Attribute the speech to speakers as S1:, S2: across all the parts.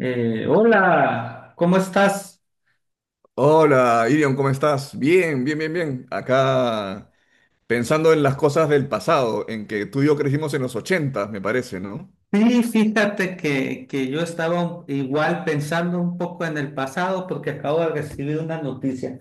S1: Hola, ¿cómo estás?
S2: Hola, Irion, ¿cómo estás? Bien, bien, bien, bien. Acá pensando en las cosas del pasado, en que tú y yo crecimos en los 80, me parece, ¿no?
S1: Sí, fíjate que yo estaba igual pensando un poco en el pasado porque acabo de recibir una noticia.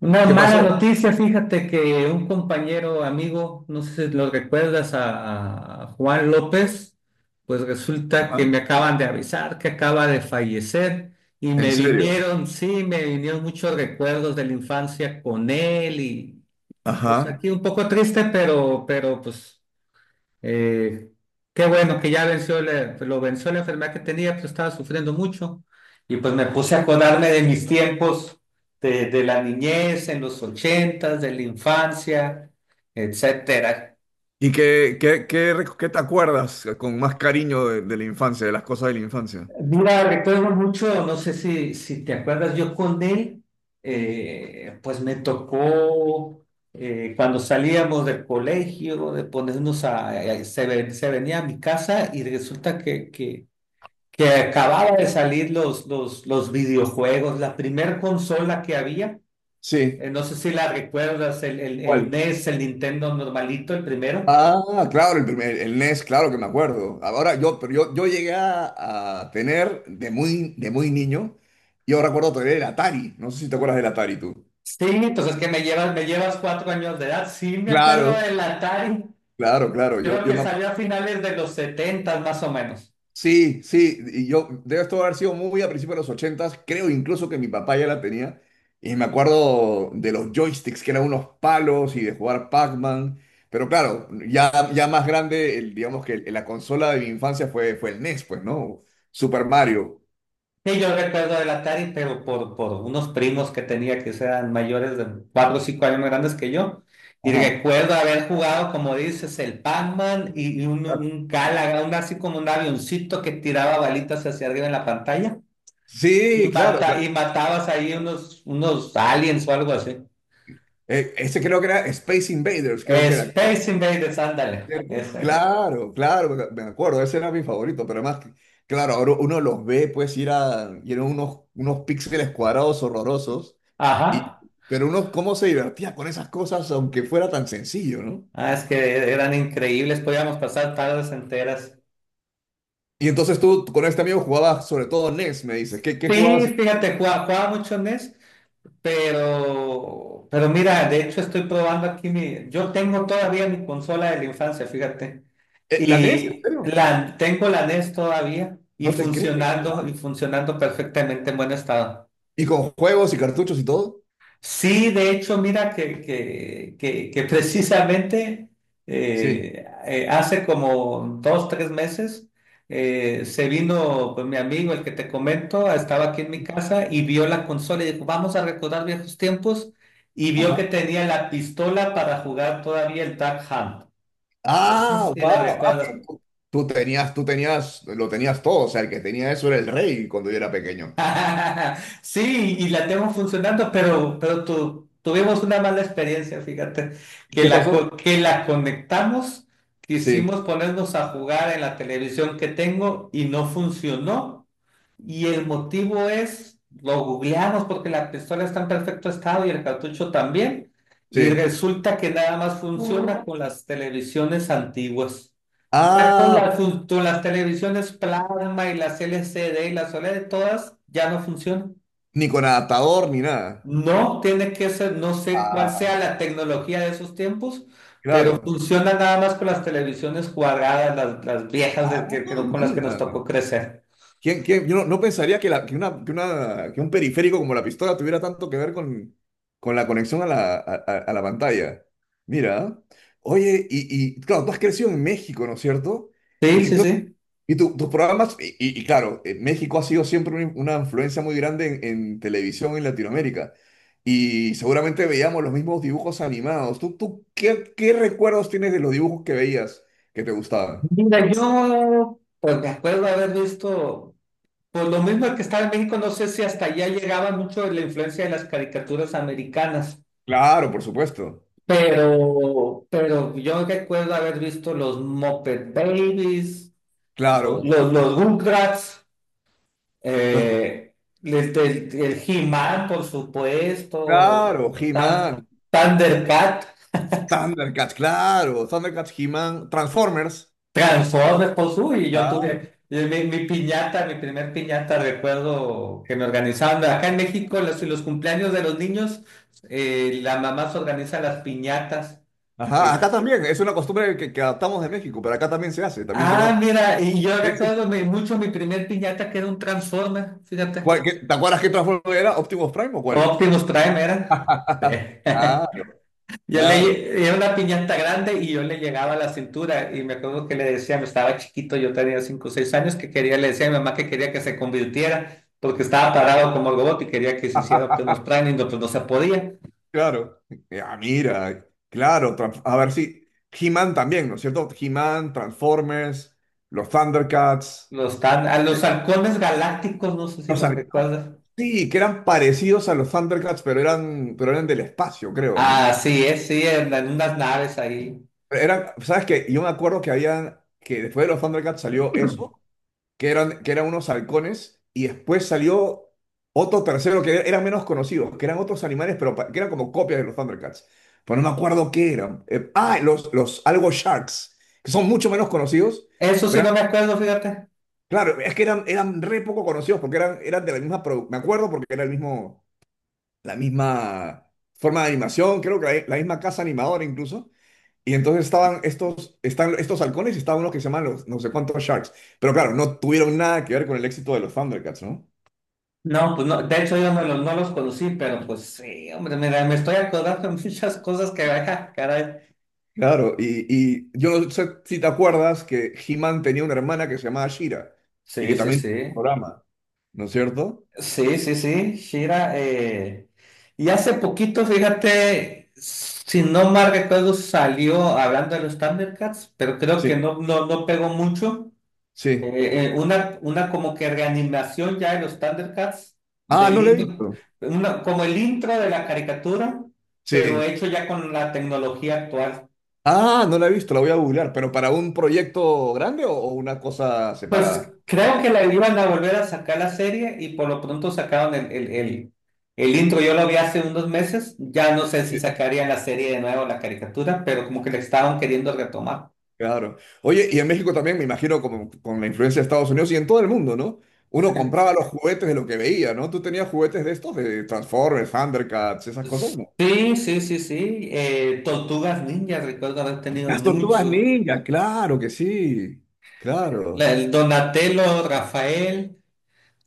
S1: Una
S2: ¿Qué
S1: mala
S2: pasó?
S1: noticia, fíjate que un compañero, amigo, no sé si lo recuerdas, a Juan López, pues resulta que
S2: Ajá.
S1: me acaban de avisar que acaba de fallecer y
S2: ¿En
S1: me
S2: serio?
S1: vinieron, sí, me vinieron muchos recuerdos de la infancia con él, y pues
S2: Ajá.
S1: aquí un poco triste, pero pues... Eh, qué bueno que lo venció la enfermedad que tenía, pues estaba sufriendo mucho. Y pues me puse a acordarme de mis tiempos de la niñez, en los ochentas, de la infancia, etcétera.
S2: ¿Y qué, qué, qué, qué te acuerdas con más cariño de la infancia, de las cosas de la infancia?
S1: Mira, recuerdo mucho, no sé si te acuerdas, yo con él, pues me tocó cuando salíamos del colegio, de ponernos a- se, ve- se venía a mi casa y resulta que acababa de salir los videojuegos, la primer consola que había,
S2: Sí.
S1: no sé si la recuerdas, el
S2: ¿Cuál?
S1: NES, el Nintendo normalito, el primero.
S2: Ah, claro, el primer, el NES, claro que me acuerdo. Ahora yo, pero yo llegué a tener de muy niño, yo recuerdo todavía el Atari. No sé si te acuerdas del Atari tú.
S1: Sí, entonces que me llevas cuatro años de edad. Sí, me acuerdo
S2: Claro,
S1: del Atari.
S2: claro, claro, yo,
S1: Creo que salió a finales de los 70 más o menos.
S2: sí, sí, y yo, debe esto haber sido muy a principios de los ochentas, creo incluso que mi papá ya la tenía, y me acuerdo de los joysticks, que eran unos palos, y de jugar Pac-Man, pero claro, ya, ya más grande, digamos que la consola de mi infancia fue, fue el NES, pues, ¿no? Super Mario.
S1: Sí, yo recuerdo del Atari, pero por unos primos que tenía que eran mayores de 4 o 5 años más grandes que yo. Y
S2: Ajá.
S1: recuerdo haber jugado, como dices, el Pac-Man y un Galaga, un así como un avioncito que tiraba balitas hacia arriba en la pantalla.
S2: Sí,
S1: Y,
S2: claro, claro.
S1: mata, y matabas ahí unos, unos aliens o algo así.
S2: Ese creo que era Space Invaders, creo que era,
S1: Space Invaders, ándale,
S2: ¿cierto?
S1: ese.
S2: Claro, claro, me acuerdo, ese era mi favorito, pero además, claro, ahora uno los ve, pues, ir a, y eran unos, unos píxeles cuadrados horrorosos, y,
S1: Ajá.
S2: pero uno cómo se divertía con esas cosas, aunque fuera tan sencillo, ¿no?
S1: Ah, es que eran increíbles, podíamos pasar tardes enteras.
S2: Y entonces tú con este amigo jugabas sobre todo NES, me dices, ¿qué, qué
S1: Sí,
S2: jugabas?
S1: fíjate, jugaba, jugaba mucho NES. Pero mira, de hecho estoy probando aquí mi, yo tengo todavía mi consola de la infancia, fíjate,
S2: ¿La NES? ¿En serio?
S1: tengo la NES todavía
S2: No te creo. Wow.
S1: y funcionando perfectamente en buen estado.
S2: ¿Y con juegos y cartuchos y todo?
S1: Sí, de hecho, mira que precisamente
S2: Sí.
S1: hace como dos, tres meses se vino pues, mi amigo, el que te comento, estaba aquí en mi casa y vio la consola y dijo, vamos a recordar viejos tiempos y vio que
S2: Ajá.
S1: tenía la pistola para jugar todavía el Duck Hunt. No sé
S2: Ah,
S1: si la
S2: wow. Ah,
S1: recuerdas.
S2: pero tú, tú tenías, lo tenías todo. O sea, el que tenía eso era el rey cuando yo era pequeño.
S1: Sí, y la tengo funcionando, pero, tuvimos una mala experiencia, fíjate,
S2: ¿Qué pasó?
S1: que la conectamos,
S2: Sí,
S1: quisimos ponernos a jugar en la televisión que tengo y no funcionó. Y el motivo es, lo googleamos porque la pistola está en perfecto estado y el cartucho también, y
S2: sí.
S1: resulta que nada más funciona con las televisiones antiguas. Ya con
S2: Ah,
S1: las, con las televisiones plasma y las LCD y las OLED, todas ya no funcionan.
S2: ni con adaptador ni nada.
S1: No tiene que ser, no sé cuál sea
S2: Ah,
S1: la tecnología de esos tiempos, pero
S2: claro.
S1: funciona nada más con las televisiones cuadradas, las viejas
S2: Ah,
S1: de que no- con las que nos
S2: mira.
S1: tocó crecer.
S2: ¿Quién, yo no, no pensaría que, que una, que un periférico como la pistola tuviera tanto que ver con la conexión a la, a, a la pantalla. Mira. Oye, y claro, tú has crecido en México, ¿no es cierto? Y
S1: Sí,
S2: que
S1: sí, sí.
S2: y tus programas, y, y claro, México ha sido siempre una influencia muy grande en televisión en Latinoamérica. Y seguramente veíamos los mismos dibujos animados. ¿Tú, tú qué, qué recuerdos tienes de los dibujos que veías que te gustaban?
S1: Mira, yo pues me acuerdo haber visto, por lo mismo que estaba en México, no sé si hasta allá llegaba mucho la influencia de las caricaturas americanas.
S2: Claro, por supuesto.
S1: Pero yo recuerdo haber visto los Muppet Babies,
S2: Claro.
S1: Rugrats,
S2: Los-
S1: eh, el He-Man, por supuesto,
S2: claro,
S1: Tan-
S2: He-Man,
S1: Thundercat,
S2: Thundercats, claro. Thundercats, He-Man, Transformers.
S1: Transformers, pues uy, yo
S2: Claro.
S1: tuve mi piñata, mi primer piñata, recuerdo que me organizaban. Acá en México, los cumpleaños de los niños, la mamá se organiza las piñatas.
S2: Ajá,
S1: eh,
S2: acá también. Es una costumbre que adaptamos de México, pero acá también se hace. También
S1: Ah,
S2: tenemos...
S1: mira, y yo recuerdo mucho mi primer piñata que era un Transformer, fíjate.
S2: ¿Cuál- qué- ¿Te acuerdas qué Transformers era? ¿Optimus Prime o cuál?
S1: Optimus Prime era. Sí.
S2: Claro,
S1: Yo
S2: claro,
S1: era una piñata grande y yo le llegaba a la cintura y me acuerdo que le decía, me estaba chiquito, yo tenía 5 o 6 años, que quería, le decía a mi mamá que quería que se convirtiera porque estaba parado como robot y quería que se hiciera Optimus Prime y no, pues no se podía.
S2: claro. Ah, mira, claro. A ver si. He-Man también, ¿no es cierto? He-Man, Transformers, los Thundercats.
S1: A
S2: eh,
S1: los halcones galácticos, no sé si
S2: O sea,
S1: los recuerdas.
S2: sí, que eran parecidos a los Thundercats, pero eran del espacio, creo, ¿no?
S1: Ah, sí, sí, en unas naves ahí.
S2: Eran, ¿sabes qué? Yo me acuerdo que habían, que después de los Thundercats salió eso, que eran unos halcones, y después salió otro tercero que eran menos conocidos, que eran otros animales, pero que eran como copias de los Thundercats. Pero no me acuerdo qué eran. Los Algo Sharks, que son mucho menos conocidos,
S1: Eso sí
S2: pero
S1: no me acuerdo, fíjate.
S2: claro, es que eran, eran re poco conocidos porque eran, eran de la misma, me acuerdo porque era el mismo, la misma forma de animación, creo que la misma casa animadora incluso. Y entonces estaban estos, están estos halcones y estaban unos que se llaman los no sé cuántos Sharks. Pero claro, no tuvieron nada que ver con el éxito de los Thundercats, ¿no?
S1: No, pues no, de hecho yo no los conocí, pero pues sí, hombre, mira, me estoy acordando de muchas cosas que, ah, caray.
S2: Claro, y yo no sé si te acuerdas que He-Man tenía una hermana que se llamaba Shira y
S1: Sí,
S2: que
S1: sí,
S2: también tenía un
S1: sí.
S2: programa, ¿no es cierto?
S1: Sí, sí, sí, Shira. Y hace poquito, fíjate, si no mal recuerdo, salió hablando de los Thundercats, pero creo que
S2: Sí,
S1: no pegó mucho.
S2: sí.
S1: Una como que reanimación ya de los Thundercats,
S2: Ah,
S1: del
S2: no la he
S1: intro,
S2: visto.
S1: una, como el intro de la caricatura, pero
S2: Sí.
S1: hecho ya con la tecnología actual.
S2: Ah, no la he visto, la voy a googlear, pero para un proyecto grande o una cosa
S1: Pues
S2: separada.
S1: creo que la iban a volver a sacar la serie y por lo pronto sacaron el intro. Yo lo vi hace unos meses. Ya no sé si sacarían la serie de nuevo, la caricatura, pero como que le estaban queriendo retomar.
S2: Claro. Oye, y en México también, me imagino, como con la influencia de Estados Unidos y en todo el mundo, ¿no? Uno
S1: Sí,
S2: compraba los juguetes de lo que veía, ¿no? ¿Tú tenías juguetes de estos, de Transformers, Thundercats, esas cosas, no?
S1: sí, sí, sí, sí. Tortugas Ninjas, recuerdo haber tenido
S2: Las tortugas
S1: muchos.
S2: ninja, claro que sí,
S1: La-
S2: claro.
S1: el Donatello, Rafael,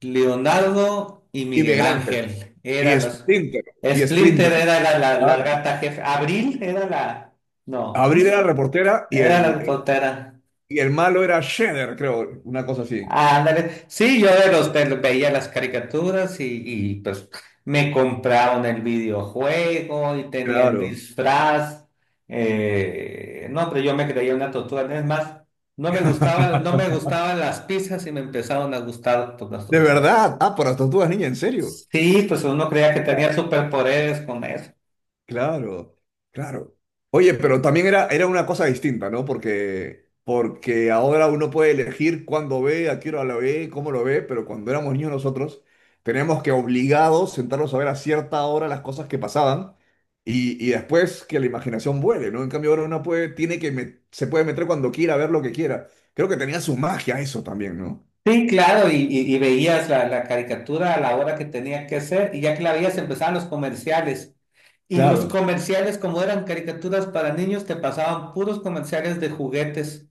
S1: Leonardo y
S2: Y
S1: Miguel
S2: Miguel Ángel,
S1: Ángel
S2: y
S1: eran los.
S2: Splinter, y
S1: Splinter
S2: Splinter,
S1: era la
S2: claro.
S1: gata jefe. Abril era la. No, ¿cómo?
S2: Abril era reportera
S1: Era la reportera.
S2: y el malo era Shredder, creo, una cosa así.
S1: Ándale. Sí, yo veía las caricaturas y, pues me compraron el videojuego y tenía el
S2: Claro.
S1: disfraz. No, pero yo me creía una tortuga. Es más, no me gustaban las pizzas y me empezaron a gustar por las
S2: De
S1: tortugas.
S2: verdad, ah, por las tortugas ninja, ¿en serio?
S1: Sí, pues uno creía que tenía superpoderes con eso.
S2: Claro, claro. Oye, pero también era, era una cosa distinta, ¿no? Porque, porque ahora uno puede elegir cuándo ve, a qué hora lo ve, cómo lo ve, pero cuando éramos niños nosotros teníamos que obligados sentarnos a ver a cierta hora las cosas que pasaban y después que la imaginación vuele, ¿no? En cambio ahora uno puede, tiene que se puede meter cuando quiera, ver lo que quiera. Creo que tenía su magia eso también, ¿no?
S1: Sí, claro, y veías la caricatura a la hora que tenía que ser, y ya que la veías empezaban los comerciales. Y los
S2: Claro.
S1: comerciales, como eran caricaturas para niños, te pasaban puros comerciales de juguetes.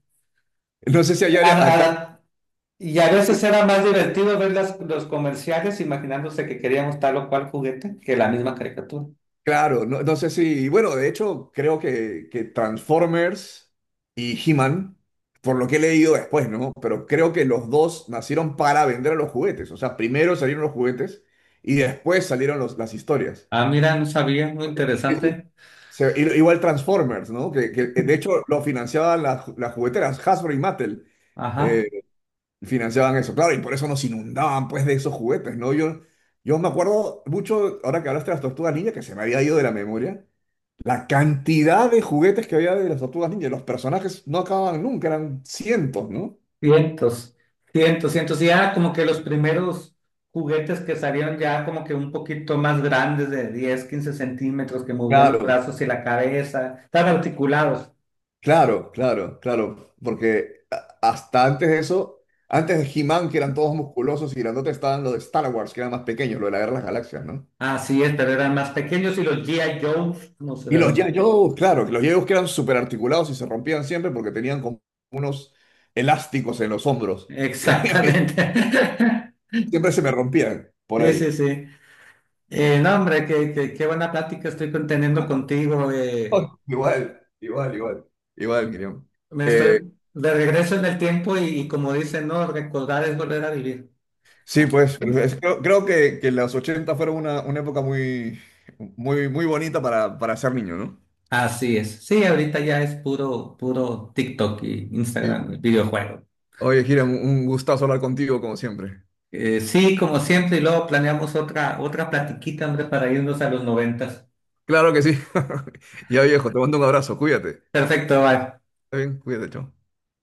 S2: No sé si allá,
S1: A- a la- y a veces era más divertido ver los comerciales imaginándose que queríamos tal o cual juguete que la misma caricatura.
S2: claro, no, no sé si, bueno, de hecho creo que Transformers y He-Man, por lo que he leído después, ¿no? Pero creo que los dos nacieron para vender los juguetes, o sea, primero salieron los juguetes y después salieron las historias.
S1: Ah, mira, no sabía, muy
S2: Sí, sí.
S1: interesante.
S2: Igual Transformers, ¿no? Que, de hecho lo financiaban las, las jugueteras, Hasbro y Mattel, eh,
S1: Ajá.
S2: financiaban eso, claro, y por eso nos inundaban pues de esos juguetes, ¿no? Yo me acuerdo mucho, ahora que hablaste de las Tortugas Ninja, que se me había ido de la memoria. La cantidad de juguetes que había de las tortugas ninja, los personajes no acababan nunca, eran cientos, ¿no?
S1: Cientos, cientos. Y ya como que los primeros juguetes que salieron ya como que un poquito más grandes de 10, 15 centímetros, que movían los
S2: Claro,
S1: brazos y la cabeza, estaban articulados.
S2: claro, claro, claro, porque hasta antes de eso, antes de He-Man, que eran todos musculosos y grandotes, estaban los de Star Wars, que eran más pequeños, lo de la Guerra de las Galaxias, ¿no?
S1: Así es, pero eran más pequeños y los GI. Joes, no sé
S2: Y
S1: de
S2: los
S1: los...
S2: Yayos, claro, que los Yayos que eran súper articulados y se rompían siempre porque tenían como unos elásticos en los hombros. Y a mí
S1: Exactamente.
S2: siempre se me rompían por
S1: Sí, sí,
S2: ahí.
S1: sí. No, hombre, qué, qué, qué buena plática estoy conteniendo contigo.
S2: Igual, igual, igual, igual, Miriam.
S1: Me estoy de regreso en el tiempo y como dicen, no, recordar es volver a vivir.
S2: Sí, pues, pero creo, creo que los 80 fueron una época muy, muy, muy bonita para ser niño, ¿no?
S1: Así es. Sí, ahorita ya es puro, puro TikTok y
S2: Sí,
S1: Instagram y
S2: pues.
S1: videojuego.
S2: Oye, Hiram, un gustazo hablar contigo como siempre.
S1: Sí, como siempre, y luego planeamos otra platiquita, hombre, para irnos a los noventas.
S2: Claro que sí. Ya viejo, te mando un abrazo, cuídate.
S1: Perfecto, bye.
S2: Está bien, cuídate, chao.